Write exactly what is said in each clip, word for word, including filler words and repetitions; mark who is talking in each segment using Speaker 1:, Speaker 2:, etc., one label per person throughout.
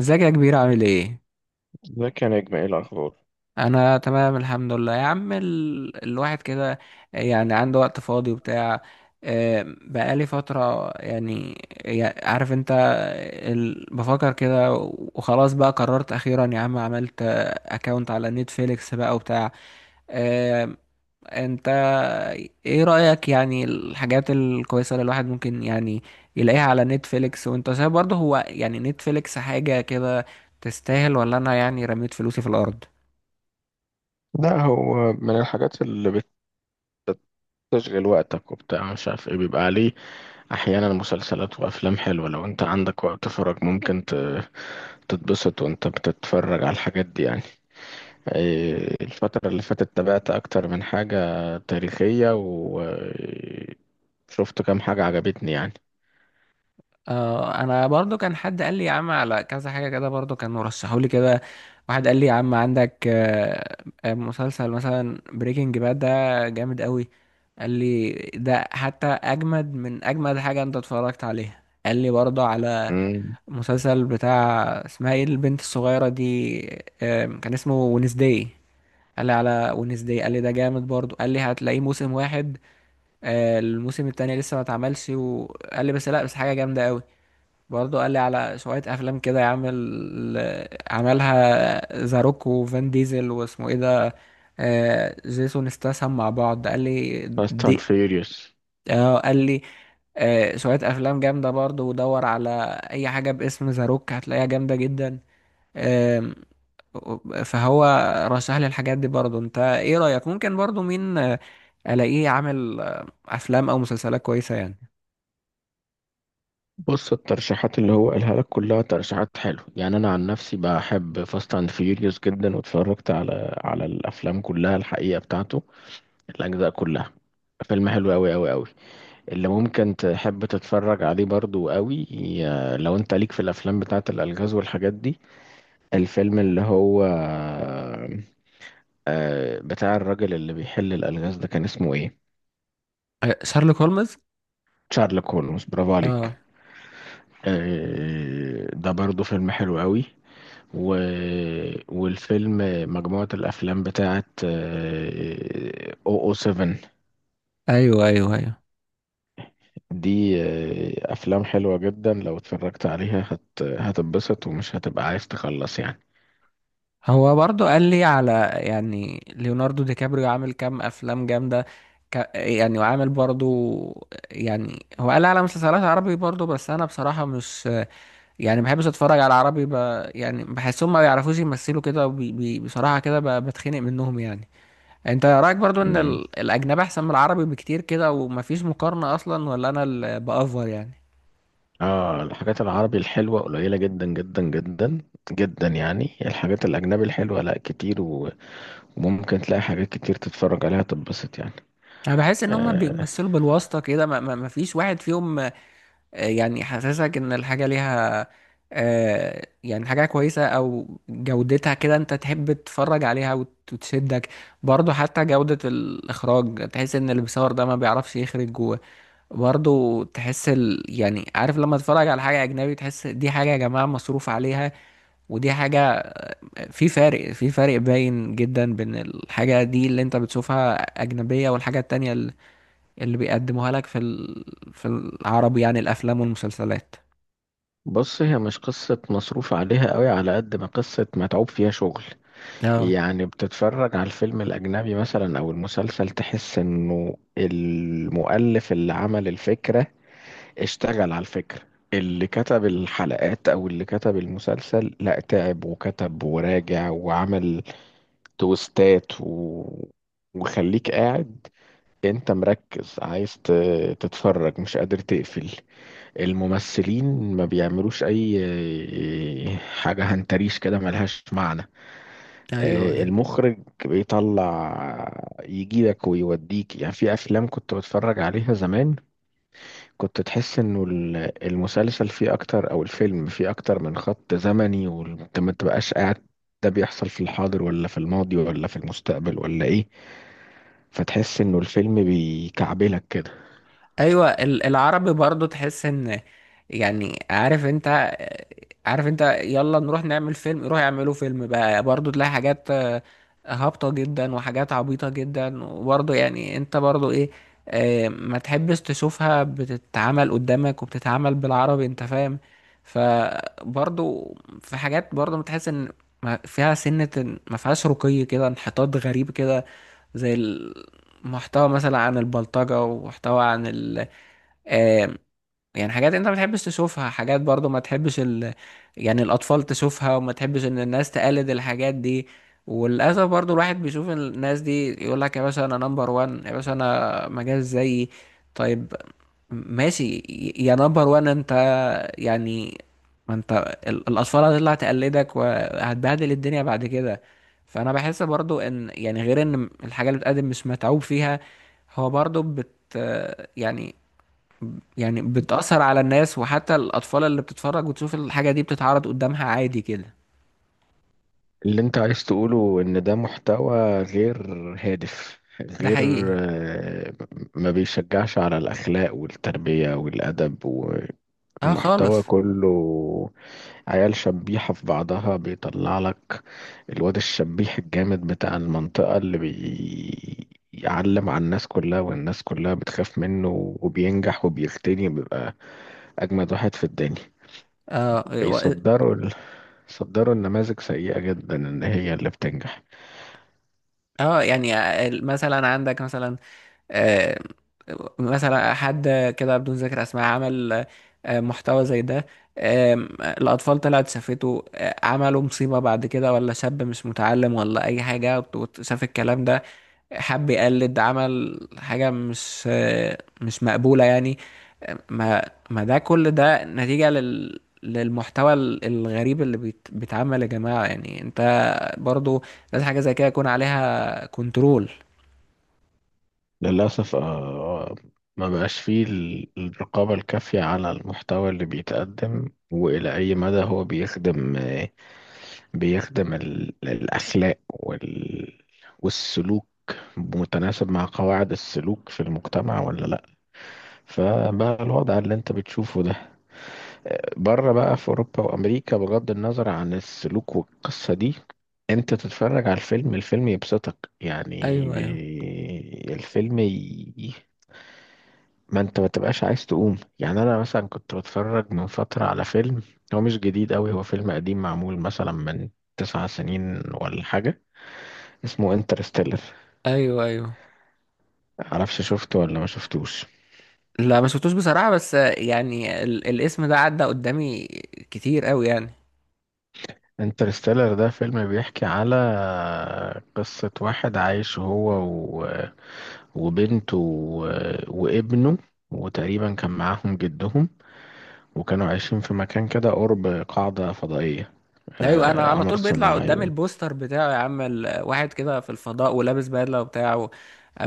Speaker 1: ازيك يا كبير، عامل ايه؟
Speaker 2: ازيك يا نجم، ايه الاخبار؟
Speaker 1: انا تمام الحمد لله يا عم. ال... الواحد كده يعني عنده وقت فاضي وبتاع. آه، بقالي فترة يعني. يع- عارف انت، ال... بفكر كده. وخلاص بقى قررت اخيرا يا عم، عملت اكونت على نتفليكس بقى وبتاع. آه، انت ايه رأيك يعني؟ الحاجات الكويسة اللي الواحد ممكن يعني يلاقيها على نتفليكس، وانت شايف برضه هو يعني نتفليكس حاجة كده تستاهل، ولا انا يعني رميت فلوسي في الارض؟
Speaker 2: لا، هو من الحاجات اللي بتشغل وقتك وبتاع، مش عارف ايه بيبقى عليه. احيانا مسلسلات وافلام حلوه، لو انت عندك وقت فراغ ممكن ت- تتبسط وانت بتتفرج على الحاجات دي يعني. إيه، الفتره اللي فاتت تابعت اكتر من حاجه تاريخيه، وشفت كام حاجه عجبتني يعني.
Speaker 1: آه انا برضه كان حد قال لي يا عم على كذا حاجة كده، برضه كان مرشحوا لي كده. واحد قال لي يا عم عندك، آه، آه، مسلسل مثلا بريكنج باد ده جامد قوي. قال لي ده حتى اجمد من اجمد حاجة انت اتفرجت عليها. قال لي برضه على مسلسل بتاع اسمها ايه البنت الصغيرة دي، آم، كان اسمه ونسداي. قال لي على ونسداي، قال لي ده جامد برضو، قال لي هتلاقيه موسم واحد. آه، الموسم التاني لسه ما اتعملش، وقال لي بس لا بس حاجة جامدة قوي. برضو قال لي على شوية أفلام كده يعمل، عملها زاروك وفان ديزل واسمه ايه ده، آه، جيسون استاثام، مع بعض. قال لي
Speaker 2: فاست اند
Speaker 1: دي.
Speaker 2: فيوريوس.
Speaker 1: اه، قال لي، آه، شوية أفلام جامدة برضو، ودور على أي حاجة باسم زاروك هتلاقيها جامدة جدا. آم، فهو رشح لي الحاجات دي. برضو انت ايه رأيك؟ ممكن برضو مين آه، الاقيه عامل آه، افلام او مسلسلات كويسة يعني؟
Speaker 2: بص، الترشيحات اللي هو قالها لك كلها ترشيحات حلوه يعني. انا عن نفسي بحب فاست اند فيوريوس جدا، واتفرجت على على الافلام كلها الحقيقه، بتاعته الاجزاء كلها. فيلم حلو قوي قوي قوي. اللي ممكن تحب تتفرج عليه برضو قوي، ي- لو انت ليك في الافلام بتاعه الالغاز والحاجات دي، الفيلم اللي هو آه، بتاع الراجل اللي بيحل الالغاز ده، كان اسمه ايه؟
Speaker 1: آه، شارلوك هولمز.
Speaker 2: شارلوك هولمز، برافو عليك.
Speaker 1: اه.
Speaker 2: آه، ده برضو فيلم حلو قوي. و... والفيلم، مجموعة الأفلام بتاعت او او سبعة
Speaker 1: ايوه ايوه ايوه.
Speaker 2: دي آه، أفلام حلوة جدا. لو اتفرجت عليها هت... هتتبسط ومش هتبقى عايز تخلص يعني.
Speaker 1: هو برضو قال لي على، يعني، ليوناردو دي كابريو عامل كام افلام جامدة، ك... يعني، وعامل برضو، يعني هو قال لي على مسلسلات عربي برضو، بس انا بصراحة مش، يعني، ما بحبش اتفرج على عربي. ب... يعني بحسهم ما بيعرفوش يمثلوا كده، وبي... بي... بصراحة كده ب... بتخنق منهم يعني. انت رايك برضو ان
Speaker 2: مم.
Speaker 1: ال- الاجنبي احسن من العربي بكتير كده، ومفيش مقارنه اصلا، ولا انا اللي بافور يعني؟
Speaker 2: اه، الحاجات العربي الحلوة قليلة جدا جدا جدا جدا يعني. الحاجات الأجنبي الحلوة لا، كتير، و... وممكن تلاقي حاجات كتير تتفرج عليها تتبسط يعني.
Speaker 1: انا بحس ان هما
Speaker 2: آه،
Speaker 1: بيمثلوا بالواسطه كده، ما ما- مفيش واحد فيهم آه، يعني حاسسك ان الحاجه ليها آه، يعني حاجه كويسه، او جودتها كده انت تحب تتفرج عليها وت- وتشدك. برضو حتى جوده الاخراج، تحس ان اللي بيصور ده ما بيعرفش يخرج جوه. برضو تحس ال... يعني عارف، لما تتفرج على حاجه اجنبي تحس دي حاجه يا جماعه مصروف عليها، ودي حاجة. في فارق في فارق باين جدا بين الحاجة دي اللي انت بتشوفها أجنبية، والحاجة التانية ال- اللي بيقدموها لك في ال... في العربي، يعني الأفلام والمسلسلات.
Speaker 2: بص، هي مش قصة مصروف عليها قوي، على قد ما قصة متعوب فيها شغل.
Speaker 1: اه،
Speaker 2: يعني بتتفرج على الفيلم الأجنبي مثلا أو المسلسل، تحس إنه المؤلف اللي عمل الفكرة اشتغل على الفكرة، اللي كتب الحلقات أو اللي كتب المسلسل، لا تعب وكتب وراجع وعمل تويستات، و... وخليك قاعد انت مركز عايز ت- تتفرج، مش قادر تقفل. الممثلين ما بيعملوش اي حاجة هنتريش كده ملهاش معنى. آه،
Speaker 1: ايوه
Speaker 2: المخرج بيطلع يجيبك ويوديك. يعني في افلام كنت بتفرج عليها زمان، كنت تحس انه ال- المسلسل فيه اكتر او الفيلم فيه اكتر من خط زمني، وانت ما تبقاش قاعد ده بيحصل في الحاضر ولا في الماضي ولا في المستقبل ولا ايه. فتحس انه الفيلم بيكعبلك كده.
Speaker 1: ايوه. ال- العربي برضو تحس ان، يعني عارف انت، عارف انت، يلا نروح نعمل فيلم، يروح يعملوا فيلم بقى. برضو تلاقي حاجات آه، هابطة جدا، وحاجات عبيطة جدا، وبرضو يعني انت برضو ايه، آه، ما تحبش تشوفها بتتعمل قدامك، وبتتعمل بالعربي، انت فاهم؟ فبرضو في حاجات برضو بتحس ان ما- فيها سنة، إن- ما فيهاش رقي كده، انحطاط غريب كده. زي المحتوى مثلا عن البلطجة، ومحتوى عن ال، آه، يعني حاجات انت ما تحبش تشوفها، حاجات برضو ما تحبش ال... يعني الاطفال تشوفها، وما تحبش ان الناس تقلد الحاجات دي. وللاسف برضو الواحد بيشوف الناس دي يقول لك يا باشا انا نمبر وان، يا باشا انا ما جاش زيي. طيب، ماشي، يا نمبر وان انت، يعني، ما انت ال- الاطفال هتطلع تقلدك، وهتبهدل الدنيا بعد كده. فانا بحس برضو ان، يعني غير ان الحاجه اللي بتقدم مش متعوب فيها، هو برضو بت يعني يعني بتأثر على الناس، وحتى الأطفال اللي بتتفرج، وتشوف الحاجة دي بتتعرض قدامها عادي كده.
Speaker 2: اللي انت عايز تقوله ان ده محتوى غير هادف،
Speaker 1: ده
Speaker 2: غير
Speaker 1: حقيقي.
Speaker 2: آه، ما بيشجعش على الأخلاق والتربية والأدب.
Speaker 1: اه،
Speaker 2: المحتوى
Speaker 1: خالص.
Speaker 2: كله عيال شبيحة في بعضها بيطلع لك الواد الشبيح الجامد بتاع المنطقة، اللي بيعلم على الناس كلها، والناس كلها بتخاف منه وبينجح وبيغتني، بيبقى أجمد واحد في الدنيا.
Speaker 1: اه، و-
Speaker 2: بيصدروا ال... صدروا النماذج سيئة جدا إن هي اللي بتنجح.
Speaker 1: اه، يعني آه، ال- مثلا عندك، مثلا آه مثلا حد كده بدون ذكر اسماء عمل آه محتوى زي ده. آم، الأطفال طلعت شافته، آه، عملوا مصيبة بعد كده، ولا شاب مش متعلم ولا أي حاجة، وت- وت- شاف الكلام ده، حب يقلد، عمل حاجة مش مش مقبولة يعني. ما ما ده كل ده نتيجة لل للمحتوى ال- الغريب اللي بيت- بيتعمل يا جماعة. يعني انت برضو لازم حاجة زي كده يكون عليها كنترول.
Speaker 2: للأسف، آه، ما بقاش فيه ال- الرقابة الكافية على المحتوى اللي بيتقدم وإلى أي مدى هو بيخدم، بيخدم ال- الأخلاق وال... والسلوك، متناسب مع قواعد السلوك في المجتمع ولا لأ. فبقى الوضع اللي انت بتشوفه ده. بره بقى في أوروبا وأمريكا، بغض النظر عن السلوك والقصة دي، انت تتفرج على الفيلم، الفيلم يبسطك يعني،
Speaker 1: ايوه ايوه
Speaker 2: بي- الفيلم ما انت ما تبقاش عايز تقوم. يعني انا مثلا كنت بتفرج من فترة على فيلم، هو مش جديد قوي، هو فيلم قديم معمول مثلا من تسع سنين ولا حاجة، اسمه انترستيلر.
Speaker 1: ايوه. ايوه.
Speaker 2: معرفش شفته ولا ما شفتوش.
Speaker 1: لا، ما شفتوش بصراحة، بس يعني ال... الاسم ده عدى قدامي كتير قوي يعني.
Speaker 2: انترستيلر ده فيلم بيحكي على قصة واحد عايش، هو و... وبنته و... وابنه، وتقريبا كان معاهم جدهم، وكانوا عايشين في مكان كده قرب قاعدة فضائية،
Speaker 1: ايوه، انا
Speaker 2: آه،
Speaker 1: على
Speaker 2: قمر
Speaker 1: طول بيطلع قدامي
Speaker 2: صناعي.
Speaker 1: البوستر بتاعه يا عم، ال- واحد كده في الفضاء، ولابس بدله وبتاعه.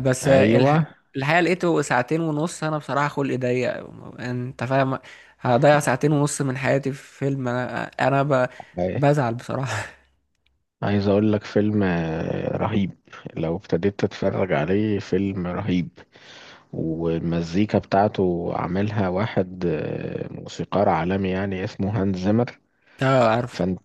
Speaker 1: بس
Speaker 2: ايوه،
Speaker 1: الح... الحقيقه لقيته ساعتين ونص، انا بصراحه خلقي ضيق، انت فاهم، هضيع ساعتين ونص من حياتي في فيلم، انا انا ب... بزعل بصراحه
Speaker 2: عايز اقول لك فيلم آه، رهيب. لو ابتديت تتفرج عليه، فيلم رهيب. والمزيكا بتاعته عاملها واحد آه، موسيقار عالمي يعني، اسمه هانز زيمر.
Speaker 1: اه، عارفه.
Speaker 2: فانت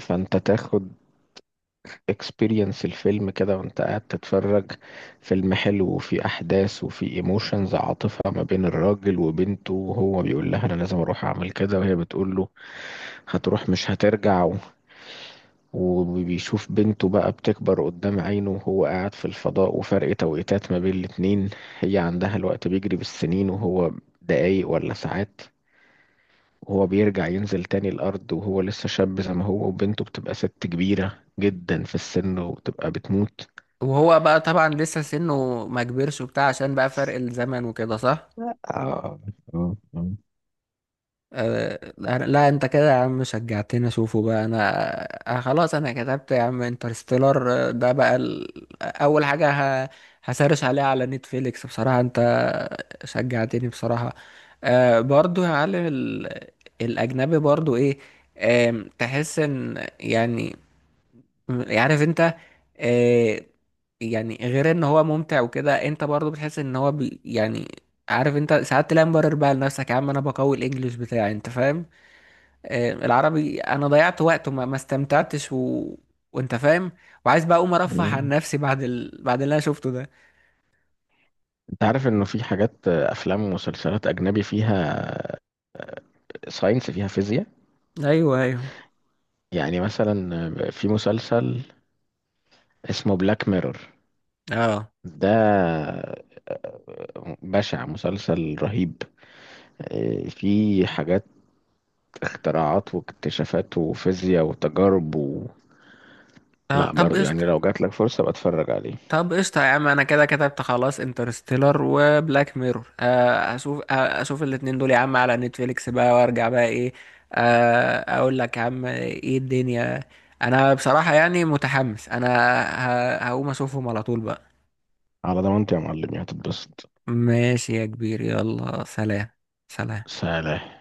Speaker 2: فانت تاخد اكسبيرينس الفيلم كده وانت قاعد تتفرج. فيلم حلو، وفي احداث، وفي ايموشنز، عاطفة ما بين الراجل وبنته، وهو بيقول لها انا لازم اروح اعمل كده، وهي بتقول له هتروح مش هترجع. وبيشوف بنته بقى بتكبر قدام عينه، وهو قاعد في الفضاء، وفرق توقيتات ما بين الاتنين. هي عندها الوقت بيجري بالسنين، وهو دقايق ولا ساعات. وهو بيرجع ينزل تاني الأرض وهو لسه شاب زي ما هو، وبنته بتبقى ست كبيرة جدا في السن، وبتبقى بتموت.
Speaker 1: وهو بقى طبعا لسه سنه ما كبرش وبتاع، عشان بقى فرق الزمن وكده، صح؟
Speaker 2: آه. آه. آه.
Speaker 1: أه، لا لا، انت كده يا عم شجعتني اشوفه بقى انا. أه، خلاص، انا كتبت يا عم انترستيلر. آه، ده بقى ال... آه، اول حاجة ه... هسرش عليها على نتفليكس بصراحة، انت شجعتني بصراحة. أه برضو يا معلم، ال... الاجنبي برضو ايه، أم، تحس ان، يعني، عارف انت، أه، يعني غير ان هو ممتع وكده، انت برضو بتحس ان هو بي... يعني، عارف انت، ساعات تلاقي مبرر بقى لنفسك، يا عم انا بقوي الانجليش بتاعي، انت فاهم؟ آه، العربي، انا ضيعت وقت وما ما استمتعتش، و... وانت فاهم، وعايز بقى اقوم ارفه عن
Speaker 2: مم.
Speaker 1: نفسي بعد ال... بعد اللي انا شفته ده.
Speaker 2: انت عارف انه في حاجات، افلام ومسلسلات اجنبي، فيها ساينس، فيها فيزياء.
Speaker 1: ايوه ايوه.
Speaker 2: يعني مثلا في مسلسل اسمه بلاك ميرور،
Speaker 1: اه.
Speaker 2: ده آه، بشع، مسلسل رهيب. آه، فيه حاجات، اختراعات واكتشافات وفيزياء وتجارب و...
Speaker 1: آه،
Speaker 2: لا
Speaker 1: طب
Speaker 2: برضه،
Speaker 1: قشطة.
Speaker 2: يعني لو جاتلك فرصة بتفرج عليه.
Speaker 1: طب قشطة يا عم، انا كده كتبت خلاص انترستيلر وبلاك ميرور. آه، اشوف آه، اشوف الاتنين دول يا عم على نتفليكس بقى، وارجع بقى ايه، آه، اقول لك يا عم ايه الدنيا. انا بصراحة يعني متحمس، انا ه- هقوم اشوفهم على طول بقى.
Speaker 2: على ضمانتي يا معلم هتتبسط.
Speaker 1: ماشي يا كبير، يلا سلام. سلام.
Speaker 2: سلام.